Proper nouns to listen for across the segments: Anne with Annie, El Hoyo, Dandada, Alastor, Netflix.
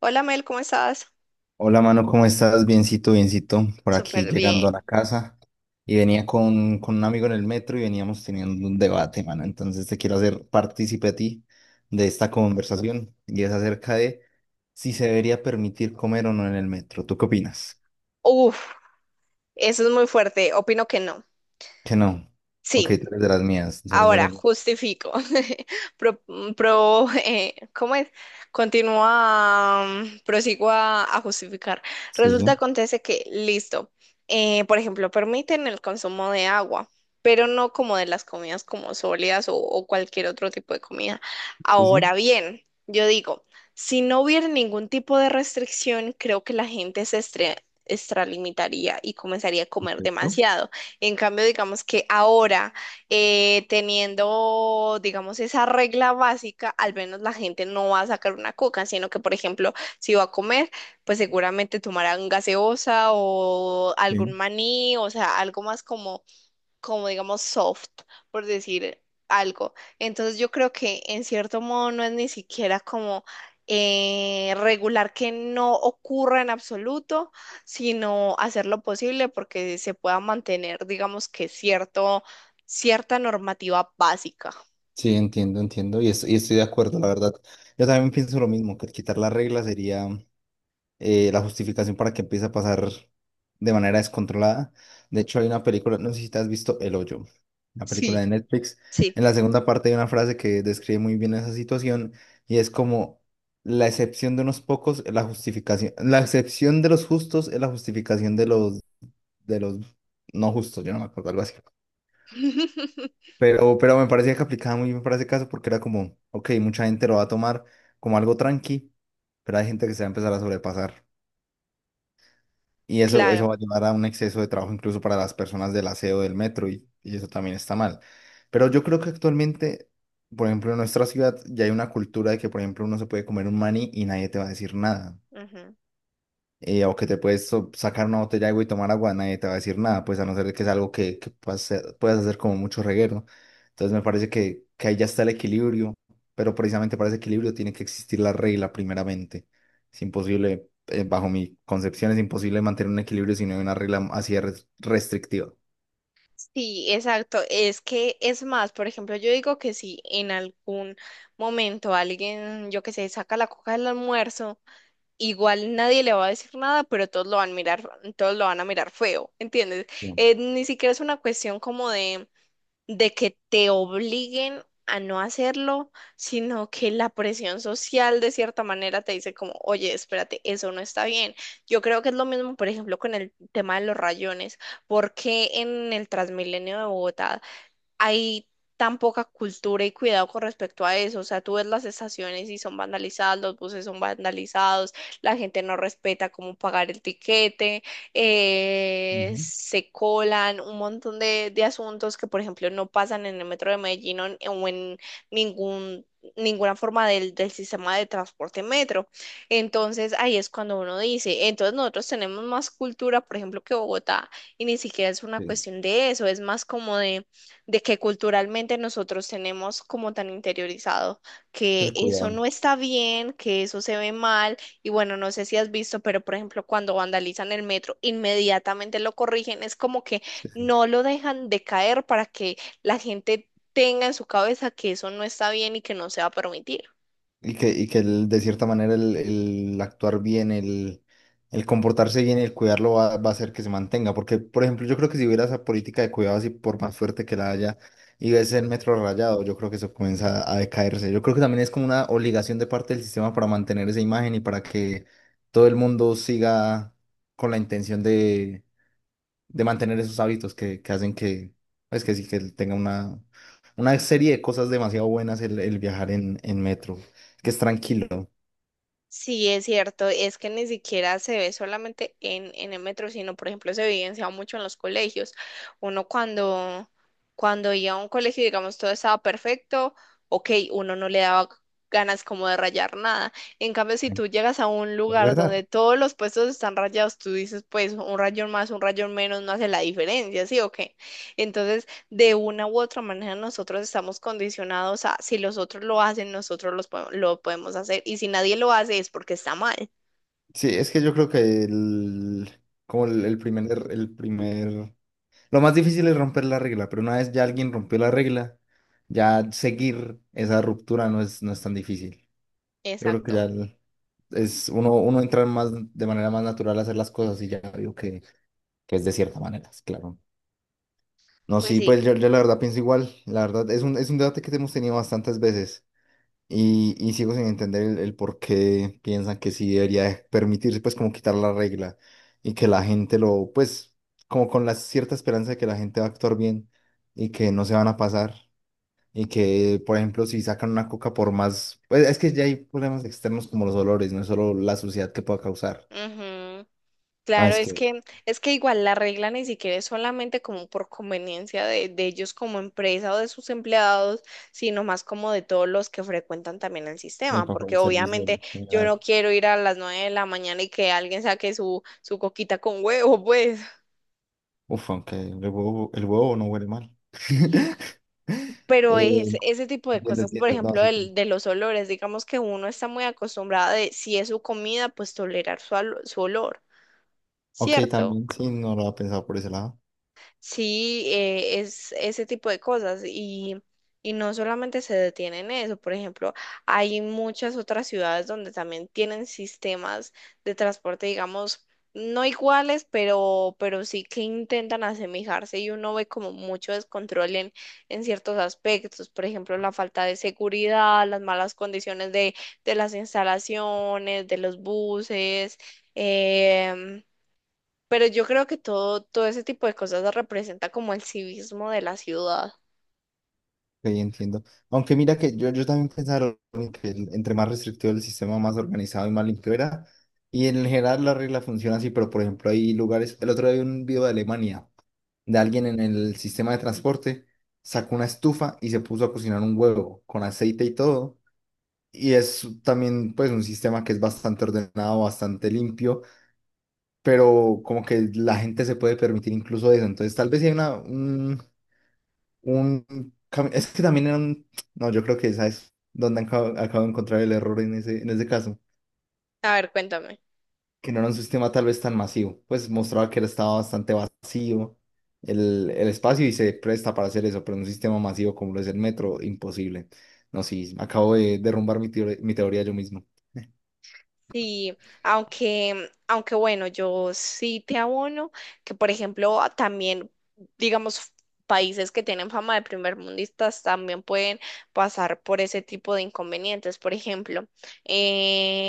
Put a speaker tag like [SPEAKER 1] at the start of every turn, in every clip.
[SPEAKER 1] Hola Mel, ¿cómo estás?
[SPEAKER 2] Hola, mano, ¿cómo estás? Biencito, biencito, por aquí
[SPEAKER 1] Súper
[SPEAKER 2] llegando a
[SPEAKER 1] bien.
[SPEAKER 2] la casa. Y venía con un amigo en el metro y veníamos teniendo un debate, mano. Entonces te quiero hacer partícipe a ti de esta conversación y es acerca de si se debería permitir comer o no en el metro. ¿Tú qué opinas?
[SPEAKER 1] Uf, eso es muy fuerte. Opino que no.
[SPEAKER 2] Que no. Ok,
[SPEAKER 1] Sí.
[SPEAKER 2] tú eres de las mías, tú eres de
[SPEAKER 1] Ahora,
[SPEAKER 2] las...
[SPEAKER 1] justifico. ¿Cómo es? Continúa, prosigo a justificar.
[SPEAKER 2] Sí,
[SPEAKER 1] Resulta,
[SPEAKER 2] sí,
[SPEAKER 1] acontece que, listo, por ejemplo, permiten el consumo de agua, pero no como de las comidas como sólidas o cualquier otro tipo de comida.
[SPEAKER 2] sí, sí,
[SPEAKER 1] Ahora bien, yo digo, si no hubiera ningún tipo de restricción, creo que la gente extralimitaría y comenzaría a comer
[SPEAKER 2] perfecto.
[SPEAKER 1] demasiado. En cambio, digamos que ahora teniendo, digamos, esa regla básica, al menos la gente no va a sacar una coca, sino que, por ejemplo, si va a comer, pues seguramente tomarán gaseosa o algún
[SPEAKER 2] Sí.
[SPEAKER 1] maní, o sea, algo más como como digamos soft, por decir algo. Entonces yo creo que en cierto modo no es ni siquiera como regular que no ocurra en absoluto, sino hacer lo posible porque se pueda mantener, digamos que cierto, cierta normativa básica.
[SPEAKER 2] Sí, entiendo, entiendo y y estoy de acuerdo, la verdad. Yo también pienso lo mismo, que el quitar la regla sería... la justificación para que empiece a pasar de manera descontrolada. De hecho, hay una película, no sé si te has visto El Hoyo, una
[SPEAKER 1] Sí.
[SPEAKER 2] película de Netflix.
[SPEAKER 1] Sí.
[SPEAKER 2] En la segunda parte hay una frase que describe muy bien esa situación y es como la excepción de unos pocos es la justificación, la excepción de los justos es la justificación de los no justos, yo no me acuerdo algo así. Pero me parecía que aplicaba muy bien para ese caso porque era como, ok, mucha gente lo va a tomar como algo tranqui, pero hay gente que se va a empezar a sobrepasar. Y eso
[SPEAKER 1] Claro.
[SPEAKER 2] va a llevar a un exceso de trabajo incluso para las personas del aseo del metro y eso también está mal. Pero yo creo que actualmente, por ejemplo, en nuestra ciudad ya hay una cultura de que, por ejemplo, uno se puede comer un maní y nadie te va a decir nada,
[SPEAKER 1] Ujú.
[SPEAKER 2] o que te puedes sacar una botella de agua y tomar agua, nadie te va a decir nada, pues a no ser de que es algo que puedas hacer como mucho reguero, ¿no? Entonces me parece que ahí ya está el equilibrio, pero precisamente para ese equilibrio tiene que existir la regla primeramente. Es imposible, bajo mi concepción, es imposible mantener un equilibrio si no hay una regla así de restrictiva.
[SPEAKER 1] Sí, exacto. Es que es más, por ejemplo, yo digo que si en algún momento alguien, yo qué sé, saca la coca del almuerzo, igual nadie le va a decir nada, pero todos lo van a mirar, todos lo van a mirar feo, ¿entiendes?
[SPEAKER 2] Bien.
[SPEAKER 1] Ni siquiera es una cuestión como de que te obliguen a no hacerlo, sino que la presión social de cierta manera te dice como, oye, espérate, eso no está bien. Yo creo que es lo mismo, por ejemplo, con el tema de los rayones, porque en el Transmilenio de Bogotá hay tan poca cultura y cuidado con respecto a eso. O sea, tú ves las estaciones y son vandalizadas, los buses son vandalizados, la gente no respeta cómo pagar el tiquete,
[SPEAKER 2] Ujú.
[SPEAKER 1] se colan un montón de asuntos que, por ejemplo, no pasan en el metro de Medellín o en ningún... ninguna forma del, del sistema de transporte metro. Entonces ahí es cuando uno dice, entonces nosotros tenemos más cultura, por ejemplo, que Bogotá, y ni siquiera es una
[SPEAKER 2] Sí.
[SPEAKER 1] cuestión de eso, es más como de que culturalmente nosotros tenemos como tan interiorizado que
[SPEAKER 2] El
[SPEAKER 1] eso
[SPEAKER 2] cuidado.
[SPEAKER 1] no está bien, que eso se ve mal, y bueno, no sé si has visto, pero por ejemplo, cuando vandalizan el metro, inmediatamente lo corrigen, es como que
[SPEAKER 2] Sí, sí.
[SPEAKER 1] no lo dejan de caer para que la gente tenga en su cabeza que eso no está bien y que no se va a permitir.
[SPEAKER 2] Y que de cierta manera el actuar bien, el comportarse bien y el cuidarlo va a hacer que se mantenga. Porque, por ejemplo, yo creo que si hubiera esa política de cuidado así, por más fuerte que la haya, y ves el metro rayado, yo creo que eso comienza a decaerse. Yo creo que también es como una obligación de parte del sistema para mantener esa imagen y para que todo el mundo siga con la intención de mantener esos hábitos que hacen que, pues que sí, que él tenga una serie de cosas demasiado buenas el viajar en metro, que es tranquilo.
[SPEAKER 1] Sí, es cierto, es que ni siquiera se ve solamente en el metro, sino por ejemplo se evidencia mucho en los colegios. Uno cuando, cuando iba a un colegio, digamos, todo estaba perfecto, ok, uno no le daba ganas como de rayar nada. En cambio, si
[SPEAKER 2] Sí,
[SPEAKER 1] tú llegas a un
[SPEAKER 2] es
[SPEAKER 1] lugar
[SPEAKER 2] verdad.
[SPEAKER 1] donde todos los puestos están rayados, tú dices, pues un rayón más, un rayón menos, no hace la diferencia, ¿sí o qué? Entonces, de una u otra manera nosotros estamos condicionados a si los otros lo hacen, nosotros lo podemos hacer y si nadie lo hace es porque está mal.
[SPEAKER 2] Sí, es que yo creo que el, como el primer, lo más difícil es romper la regla, pero una vez ya alguien rompió la regla, ya seguir esa ruptura no es, no es tan difícil. Yo creo que ya
[SPEAKER 1] Exacto.
[SPEAKER 2] uno entra más de manera más natural a hacer las cosas y ya veo que es de cierta manera, claro. No,
[SPEAKER 1] Pues
[SPEAKER 2] sí,
[SPEAKER 1] sí.
[SPEAKER 2] pues yo la verdad pienso igual. La verdad es un debate que hemos tenido bastantes veces y sigo sin entender el por qué piensan que sí debería permitirse, pues, como quitar la regla y que la gente lo, pues, como con la cierta esperanza de que la gente va a actuar bien y que no se van a pasar y que, por ejemplo, si sacan una coca por más, pues, es que ya hay problemas externos como los olores, no es solo la suciedad que pueda causar.
[SPEAKER 1] Ujú.
[SPEAKER 2] No,
[SPEAKER 1] Claro,
[SPEAKER 2] es que,
[SPEAKER 1] es que igual la regla ni siquiera es solamente como por conveniencia de ellos como empresa o de sus empleados, sino más como de todos los que frecuentan también el sistema,
[SPEAKER 2] para
[SPEAKER 1] porque
[SPEAKER 2] el servicio
[SPEAKER 1] obviamente
[SPEAKER 2] en
[SPEAKER 1] yo
[SPEAKER 2] general.
[SPEAKER 1] no quiero ir a las 9 de la mañana y que alguien saque su, su coquita con huevo, pues.
[SPEAKER 2] Uf, aunque el huevo no huele mal.
[SPEAKER 1] Pero
[SPEAKER 2] Eh,
[SPEAKER 1] es ese tipo de
[SPEAKER 2] entiendo,
[SPEAKER 1] cosas, por
[SPEAKER 2] entiendo. No,
[SPEAKER 1] ejemplo,
[SPEAKER 2] sí, sí.
[SPEAKER 1] de los olores, digamos que uno está muy acostumbrado de si es su comida, pues tolerar su olor,
[SPEAKER 2] Ok,
[SPEAKER 1] ¿cierto?
[SPEAKER 2] también sí, no lo había pensado por ese lado.
[SPEAKER 1] Sí, es ese tipo de cosas y no solamente se detiene en eso, por ejemplo, hay muchas otras ciudades donde también tienen sistemas de transporte, digamos, no iguales, pero sí que intentan asemejarse y uno ve como mucho descontrol en ciertos aspectos, por ejemplo, la falta de seguridad, las malas condiciones de las instalaciones, de los buses. em, pero yo creo que todo, todo ese tipo de cosas representa como el civismo de la ciudad.
[SPEAKER 2] Ok, entiendo. Aunque mira que yo también pensaba en que entre más restrictivo el sistema, más organizado y más limpio era. Y en general la regla funciona así, pero por ejemplo hay lugares, el otro día vi un video de Alemania, de alguien en el sistema de transporte, sacó una estufa y se puso a cocinar un huevo con aceite y todo. Y es también pues un sistema que es bastante ordenado, bastante limpio, pero como que la gente se puede permitir incluso eso. Entonces tal vez sí hay una, un cami- es que también era un... No, yo creo que esa es donde acabo de encontrar el error en ese caso,
[SPEAKER 1] A ver, cuéntame.
[SPEAKER 2] que no era un sistema tal vez tan masivo, pues mostraba que estaba bastante vacío el espacio y se presta para hacer eso, pero en un sistema masivo como lo es el metro, imposible. No, sí, acabo de derrumbar mi teoría yo mismo.
[SPEAKER 1] Sí, aunque, aunque bueno, yo sí te abono que, por ejemplo, también, digamos, países que tienen fama de primermundistas también pueden pasar por ese tipo de inconvenientes. Por ejemplo,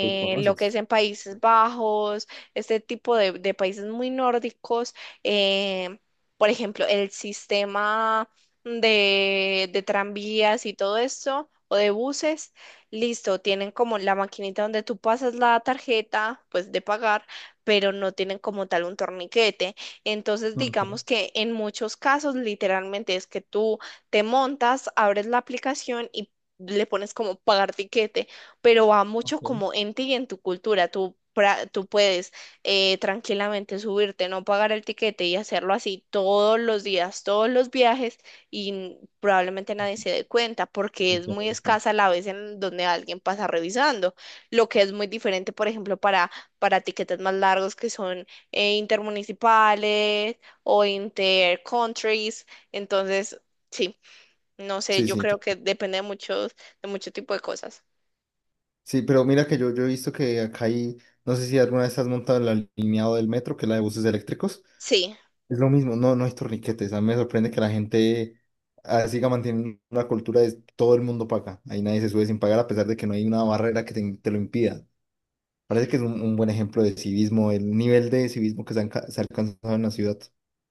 [SPEAKER 2] ¿Lo
[SPEAKER 1] lo que es
[SPEAKER 2] conoces?
[SPEAKER 1] en Países Bajos, este tipo de países muy nórdicos, eh, por ejemplo, el sistema de tranvías y todo esto, o de buses listo, tienen como la maquinita donde tú pasas la tarjeta, pues de pagar, pero no tienen como tal un torniquete. Entonces,
[SPEAKER 2] Ok,
[SPEAKER 1] digamos que en muchos casos, literalmente es que tú te montas, abres la aplicación y le pones como pagar tiquete, pero va mucho
[SPEAKER 2] ok.
[SPEAKER 1] como en ti y en tu cultura. Tú puedes tranquilamente subirte, no pagar el tiquete y hacerlo así todos los días, todos los viajes y probablemente nadie se dé cuenta
[SPEAKER 2] Sí,
[SPEAKER 1] porque es
[SPEAKER 2] claro,
[SPEAKER 1] muy
[SPEAKER 2] claro.
[SPEAKER 1] escasa la vez en donde alguien pasa revisando, lo que es muy diferente, por ejemplo, para tiquetes más largos que son intermunicipales o intercountries. Entonces, sí, no sé,
[SPEAKER 2] Sí,
[SPEAKER 1] yo
[SPEAKER 2] sí,
[SPEAKER 1] creo
[SPEAKER 2] te-
[SPEAKER 1] que depende de muchos, de mucho tipo de cosas.
[SPEAKER 2] sí, pero mira que yo he visto que acá hay, no sé si alguna vez has montado el alineado del metro, que es la de buses eléctricos,
[SPEAKER 1] Sí.
[SPEAKER 2] es lo mismo, no, no hay torniquetes, a mí me sorprende que la gente ah, siga manteniendo una cultura de todo el mundo paga, ahí nadie se sube sin pagar a pesar de que no hay una barrera que te lo impida. Parece que es un buen ejemplo de civismo, el nivel de civismo que se ha alcanzado en la ciudad,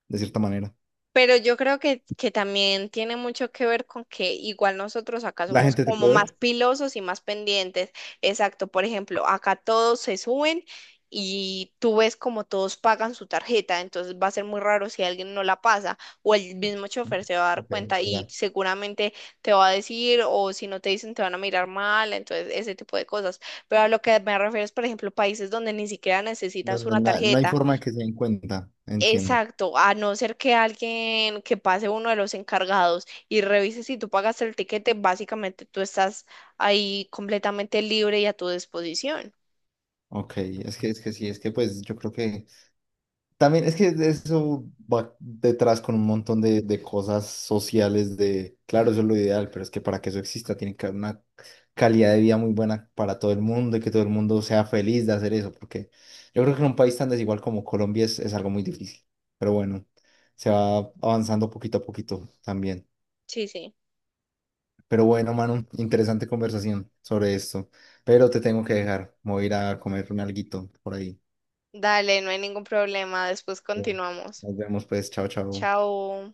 [SPEAKER 2] de cierta manera.
[SPEAKER 1] Pero yo creo que también tiene mucho que ver con que igual nosotros acá
[SPEAKER 2] ¿La
[SPEAKER 1] somos
[SPEAKER 2] gente te
[SPEAKER 1] como
[SPEAKER 2] puede
[SPEAKER 1] más
[SPEAKER 2] ver?
[SPEAKER 1] pilosos y más pendientes. Exacto, por ejemplo, acá todos se suben y tú ves como todos pagan su tarjeta, entonces va a ser muy raro si alguien no la pasa o el mismo chofer se va a dar
[SPEAKER 2] Ok, es
[SPEAKER 1] cuenta y
[SPEAKER 2] verdad.
[SPEAKER 1] seguramente te va a decir o si no te dicen te van a mirar mal, entonces ese tipo de cosas. Pero a lo que me refiero es, por ejemplo, países donde ni siquiera
[SPEAKER 2] No,
[SPEAKER 1] necesitas una
[SPEAKER 2] no no hay
[SPEAKER 1] tarjeta.
[SPEAKER 2] forma de que se den cuenta, entiendo.
[SPEAKER 1] Exacto, a no ser que alguien que pase uno de los encargados y revise si tú pagaste el tiquete, básicamente tú estás ahí completamente libre y a tu disposición.
[SPEAKER 2] Ok, es que sí, es que pues yo creo que también es que eso va detrás con un montón de cosas sociales de, claro, eso es lo ideal, pero es que para que eso exista tiene que haber una calidad de vida muy buena para todo el mundo y que todo el mundo sea feliz de hacer eso, porque yo creo que en un país tan desigual como Colombia es algo muy difícil, pero bueno, se va avanzando poquito a poquito también.
[SPEAKER 1] Sí, sí.
[SPEAKER 2] Pero bueno, Manu, interesante conversación sobre esto, pero te tengo que dejar, me voy a ir a comerme alguito por ahí.
[SPEAKER 1] Dale, no hay ningún problema. Después continuamos.
[SPEAKER 2] Nos vemos pues, chao, chao.
[SPEAKER 1] Chao.